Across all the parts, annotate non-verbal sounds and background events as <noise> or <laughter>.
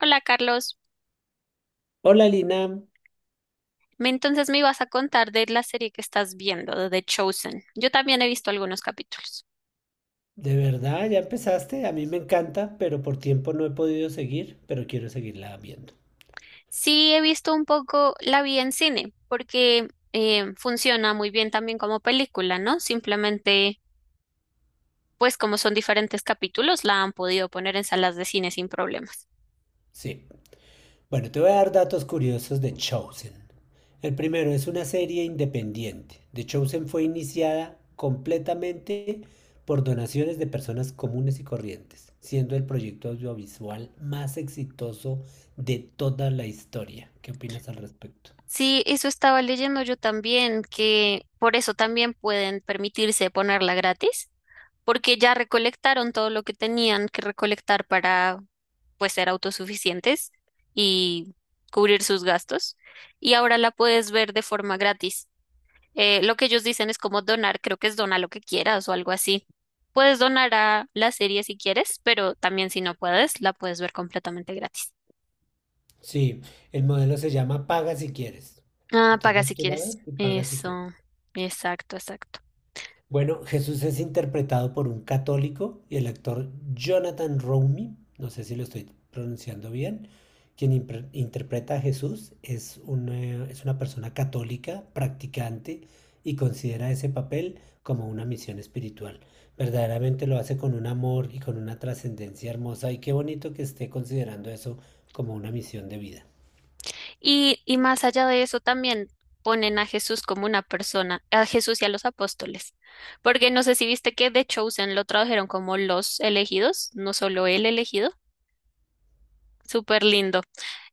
Hola Carlos. Hola Lina, Entonces me ibas a contar de la serie que estás viendo, de The Chosen. Yo también he visto algunos capítulos. de verdad ya empezaste, a mí me encanta, pero por tiempo no he podido seguir, pero quiero seguirla viendo. Sí, he visto un poco, la vi en cine, porque funciona muy bien también como película, ¿no? Simplemente, pues como son diferentes capítulos, la han podido poner en salas de cine sin problemas. Sí. Bueno, te voy a dar datos curiosos de Chosen. El primero es una serie independiente. The Chosen fue iniciada completamente por donaciones de personas comunes y corrientes, siendo el proyecto audiovisual más exitoso de toda la historia. ¿Qué opinas al respecto? Sí, eso estaba leyendo yo también, que por eso también pueden permitirse ponerla gratis, porque ya recolectaron todo lo que tenían que recolectar para pues ser autosuficientes y cubrir sus gastos. Y ahora la puedes ver de forma gratis. Lo que ellos dicen es como donar, creo que es dona lo que quieras o algo así. Puedes donar a la serie si quieres, pero también si no puedes, la puedes ver completamente gratis. Sí, el modelo se llama Paga si quieres. Ah, paga Entonces si tú la quieres. ves y pagas si Eso, quieres. exacto, exacto. Bueno, Jesús es interpretado por un católico y el actor Jonathan Romy, no sé si lo estoy pronunciando bien, quien interpreta a Jesús es una persona católica, practicante y considera ese papel como una misión espiritual. Verdaderamente lo hace con un amor y con una trascendencia hermosa y qué bonito que esté considerando eso como una misión de vida. Y más allá de eso, también ponen a Jesús como una persona, a Jesús y a los apóstoles. Porque no sé si viste que The Chosen lo tradujeron como los elegidos, no solo el elegido. Súper lindo.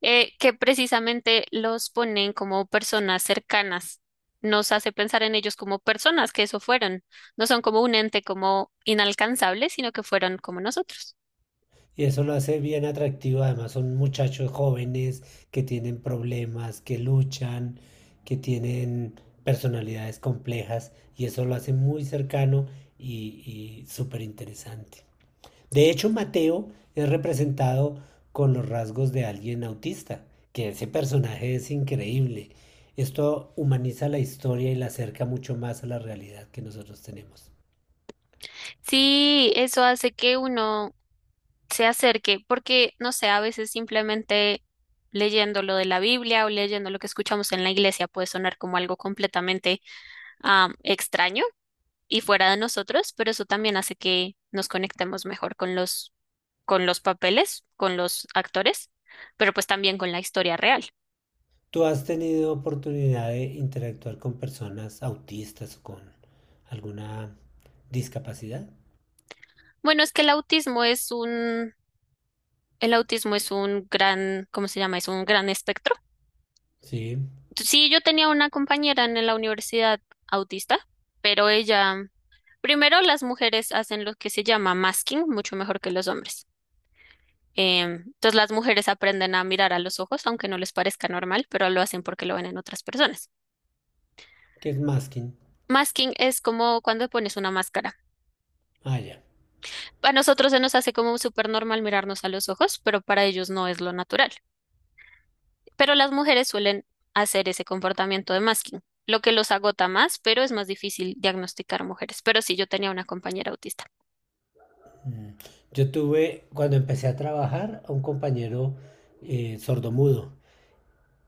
Que precisamente los ponen como personas cercanas. Nos hace pensar en ellos como personas que eso fueron. No son como un ente como inalcanzable, sino que fueron como nosotros. Y eso lo hace bien atractivo. Además, son muchachos jóvenes que tienen problemas, que luchan, que tienen personalidades complejas. Y eso lo hace muy cercano y súper interesante. De hecho, Mateo es representado con los rasgos de alguien autista, que ese personaje es increíble. Esto humaniza la historia y la acerca mucho más a la realidad que nosotros tenemos. Sí, eso hace que uno se acerque, porque no sé, a veces simplemente leyendo lo de la Biblia o leyendo lo que escuchamos en la iglesia puede sonar como algo completamente extraño y fuera de nosotros, pero eso también hace que nos conectemos mejor con con los papeles, con los actores, pero pues también con la historia real. ¿Tú has tenido oportunidad de interactuar con personas autistas o con alguna discapacidad? Bueno, es que el autismo es un gran, ¿cómo se llama? Es un gran espectro. Sí, Sí, yo tenía una compañera en la universidad autista, pero ella, primero las mujeres hacen lo que se llama masking mucho mejor que los hombres. Entonces las mujeres aprenden a mirar a los ojos, aunque no les parezca normal, pero lo hacen porque lo ven en otras personas. ¿qué es masking? Masking es como cuando pones una máscara. Ah, ya. A nosotros se nos hace como súper normal mirarnos a los ojos, pero para ellos no es lo natural. Pero las mujeres suelen hacer ese comportamiento de masking, lo que los agota más, pero es más difícil diagnosticar mujeres. Pero sí, yo tenía una compañera autista. Mm. Yo tuve, cuando empecé a trabajar, a un compañero sordomudo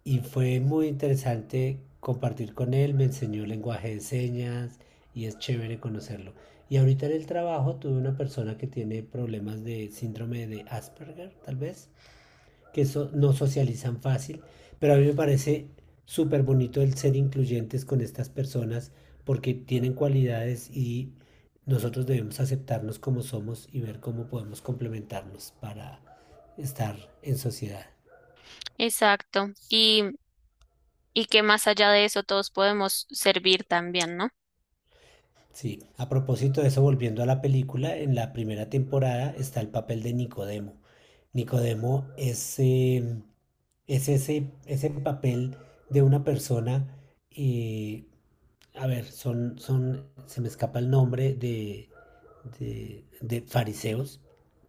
y fue muy interesante compartir con él, me enseñó lenguaje de señas y es chévere conocerlo. Y ahorita en el trabajo tuve una persona que tiene problemas de síndrome de Asperger, tal vez, que no socializan fácil, pero a mí me parece súper bonito el ser incluyentes con estas personas porque tienen cualidades y nosotros debemos aceptarnos como somos y ver cómo podemos complementarnos para estar en sociedad. Exacto. Y que más allá de eso todos podemos servir también, ¿no? Sí, a propósito de eso, volviendo a la película, en la primera temporada está el papel de Nicodemo. Nicodemo es ese papel de una persona, eh, a ver, se me escapa el nombre de, de fariseos,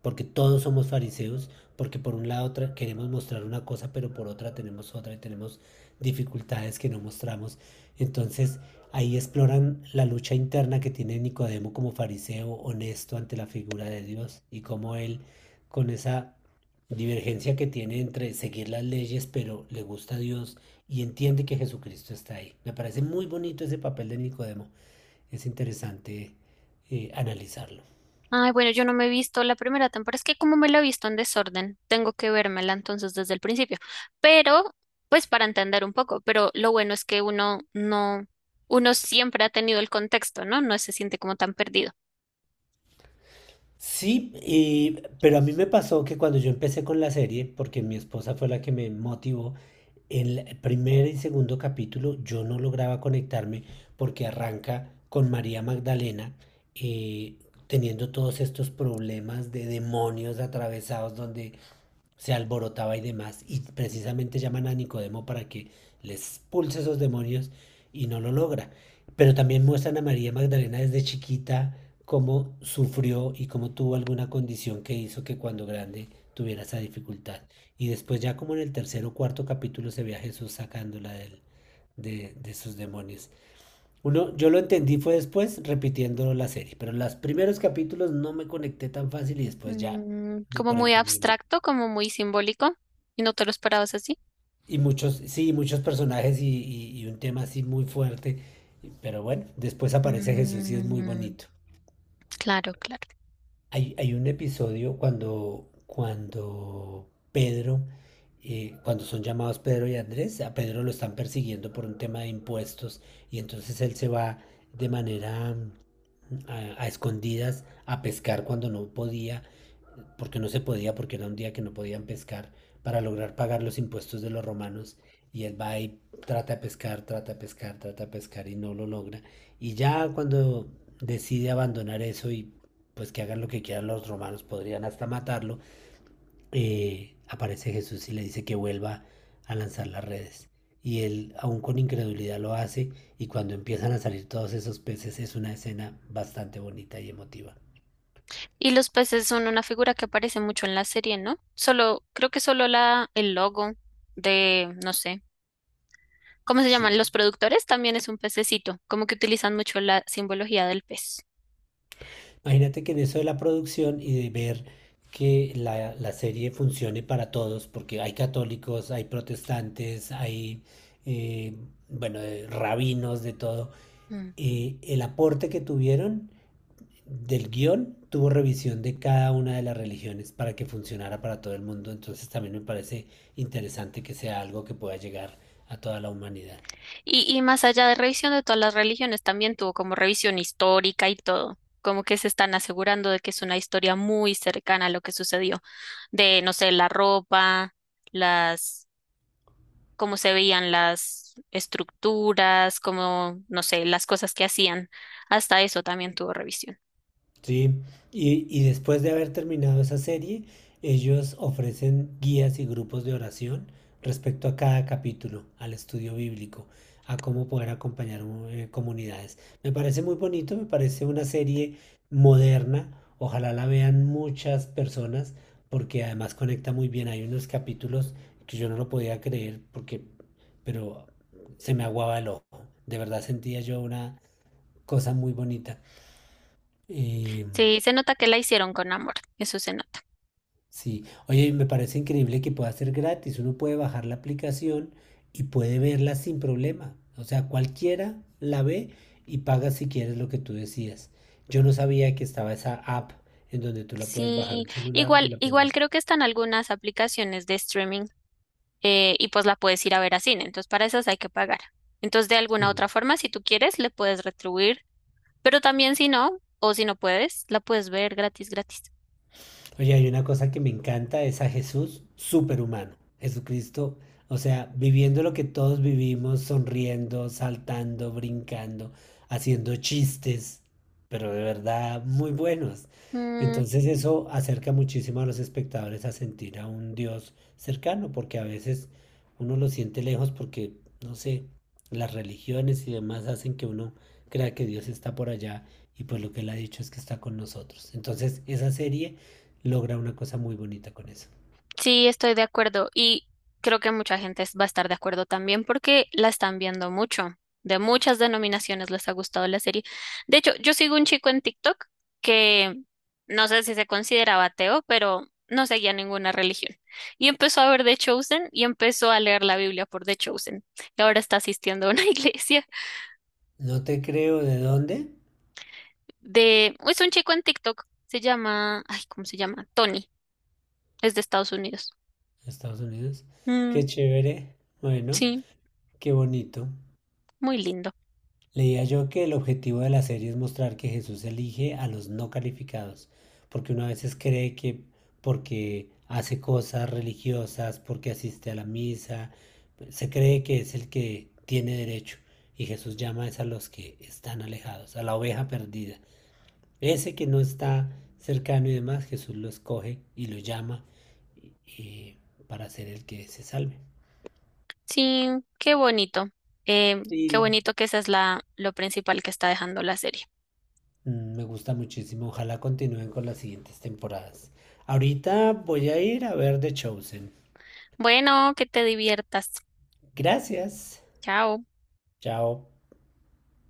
porque todos somos fariseos, porque por un lado queremos mostrar una cosa, pero por otra tenemos otra y tenemos dificultades que no mostramos. Entonces ahí exploran la lucha interna que tiene Nicodemo como fariseo honesto ante la figura de Dios y cómo él con esa divergencia que tiene entre seguir las leyes, pero le gusta a Dios y entiende que Jesucristo está ahí. Me parece muy bonito ese papel de Nicodemo. Es interesante analizarlo. Ay, bueno, yo no me he visto la primera temporada. Es que como me la he visto en desorden, tengo que vérmela entonces desde el principio. Pero, pues para entender un poco, pero lo bueno es que uno no, uno siempre ha tenido el contexto, ¿no? No se siente como tan perdido. Sí, pero a mí me pasó que cuando yo empecé con la serie, porque mi esposa fue la que me motivó, en el primer y segundo capítulo yo no lograba conectarme porque arranca con María Magdalena eh, teniendo todos estos problemas de demonios atravesados donde se alborotaba y demás, y precisamente llaman a Nicodemo para que les expulse esos demonios y no lo logra. Pero también muestran a María Magdalena desde chiquita cómo sufrió y cómo tuvo alguna condición que hizo que cuando grande tuviera esa dificultad. Y después ya como en el tercer o cuarto capítulo se ve a Jesús sacándola del, de sus demonios. Uno, yo lo entendí fue después repitiendo la serie, pero en los primeros capítulos no me conecté tan fácil y después ya Mm, me como muy conecté muy bien. abstracto, como muy simbólico, y no te lo esperabas así. Y muchos, sí, muchos personajes y un tema así muy fuerte. Pero bueno, después aparece Jesús y es muy Mm, bonito. claro, claro. Hay un episodio cuando, cuando Pedro, cuando son llamados Pedro y Andrés, a Pedro lo están persiguiendo por un tema de impuestos y entonces él se va de manera a, escondidas a pescar cuando no podía porque no se podía, porque era un día que no podían pescar, para lograr pagar los impuestos de los romanos. Y él va y trata de pescar, trata de pescar, trata de pescar y no lo logra. Y ya cuando decide abandonar eso y pues que hagan lo que quieran los romanos, podrían hasta matarlo, aparece Jesús y le dice que vuelva a lanzar las redes. Y él, aún con incredulidad, lo hace y cuando empiezan a salir todos esos peces es una escena bastante bonita y emotiva. Y los peces son una figura que aparece mucho en la serie, ¿no? Solo, creo que solo el logo de, no sé, ¿cómo se Sí, llaman? Los productores también es un pececito, como que utilizan mucho la simbología del pez. imagínate que en eso de la producción y de ver que la serie funcione para todos, porque hay católicos, hay protestantes, hay, eh, bueno, rabinos, de todo, el aporte que tuvieron del guión tuvo revisión de cada una de las religiones para que funcionara para todo el mundo, entonces también me parece interesante que sea algo que pueda llegar a toda la humanidad. Y más allá de revisión de todas las religiones, también tuvo como revisión histórica y todo, como que se están asegurando de que es una historia muy cercana a lo que sucedió, de, no sé, la ropa, las, cómo se veían las estructuras, cómo, no sé, las cosas que hacían, hasta eso también tuvo revisión. Sí, y después de haber terminado esa serie, ellos ofrecen guías y grupos de oración respecto a cada capítulo, al estudio bíblico, a cómo poder acompañar comunidades. Me parece muy bonito, me parece una serie moderna, ojalá la vean muchas personas, porque además conecta muy bien. Hay unos capítulos que yo no lo podía creer, porque, pero se me aguaba el ojo. De verdad sentía yo una cosa muy bonita. Eh, Sí, se nota que la hicieron con amor, eso se nota. Sí, oye, me parece increíble que pueda ser gratis. Uno puede bajar la aplicación y puede verla sin problema. O sea, cualquiera la ve y paga si quieres lo que tú decías. Yo no sabía que estaba esa app en donde tú la puedes bajar Sí, al celular y igual, la puedes ver. igual creo que están algunas aplicaciones de streaming y pues la puedes ir a ver a cine. Entonces, para esas hay que pagar. Entonces, de alguna Sí. otra forma, si tú quieres, le puedes retribuir, pero también si no, o si no puedes, la puedes ver gratis, gratis. Oye, hay una cosa que me encanta, es a Jesús superhumano, Jesucristo, o sea, viviendo lo que todos vivimos, sonriendo, saltando, brincando, haciendo chistes, pero de verdad muy buenos. Mm. Entonces eso acerca muchísimo a los espectadores a sentir a un Dios cercano, porque a veces uno lo siente lejos porque, no sé, las religiones y demás hacen que uno crea que Dios está por allá y pues lo que él ha dicho es que está con nosotros. Entonces esa serie logra una cosa muy bonita con eso. Sí, estoy de acuerdo y creo que mucha gente va a estar de acuerdo también porque la están viendo mucho. De muchas denominaciones les ha gustado la serie. De hecho, yo sigo un chico en TikTok que no sé si se consideraba ateo, pero no seguía ninguna religión. Y empezó a ver The Chosen y empezó a leer la Biblia por The Chosen. Y ahora está asistiendo a una <laughs> iglesia No te creo de dónde. de... Es un chico en TikTok. Se llama... Ay, ¿cómo se llama? Tony. Es de Estados Unidos. Estados Unidos. Mm, Qué chévere. Bueno, sí, qué bonito. muy lindo. Leía yo que el objetivo de la serie es mostrar que Jesús elige a los no calificados, porque uno a veces cree que porque hace cosas religiosas, porque asiste a la misa, se cree que es el que tiene derecho. Y Jesús llama es a los que están alejados, a la oveja perdida. Ese que no está cercano y demás, Jesús lo escoge y lo llama eh, para ser el que se salve. Sí, qué bonito. Qué Y bonito que esa es lo principal que está dejando la serie. mm, me gusta muchísimo. Ojalá continúen con las siguientes temporadas. Ahorita voy a ir a ver The Chosen. Bueno, que te diviertas. Gracias. Chao. Chao.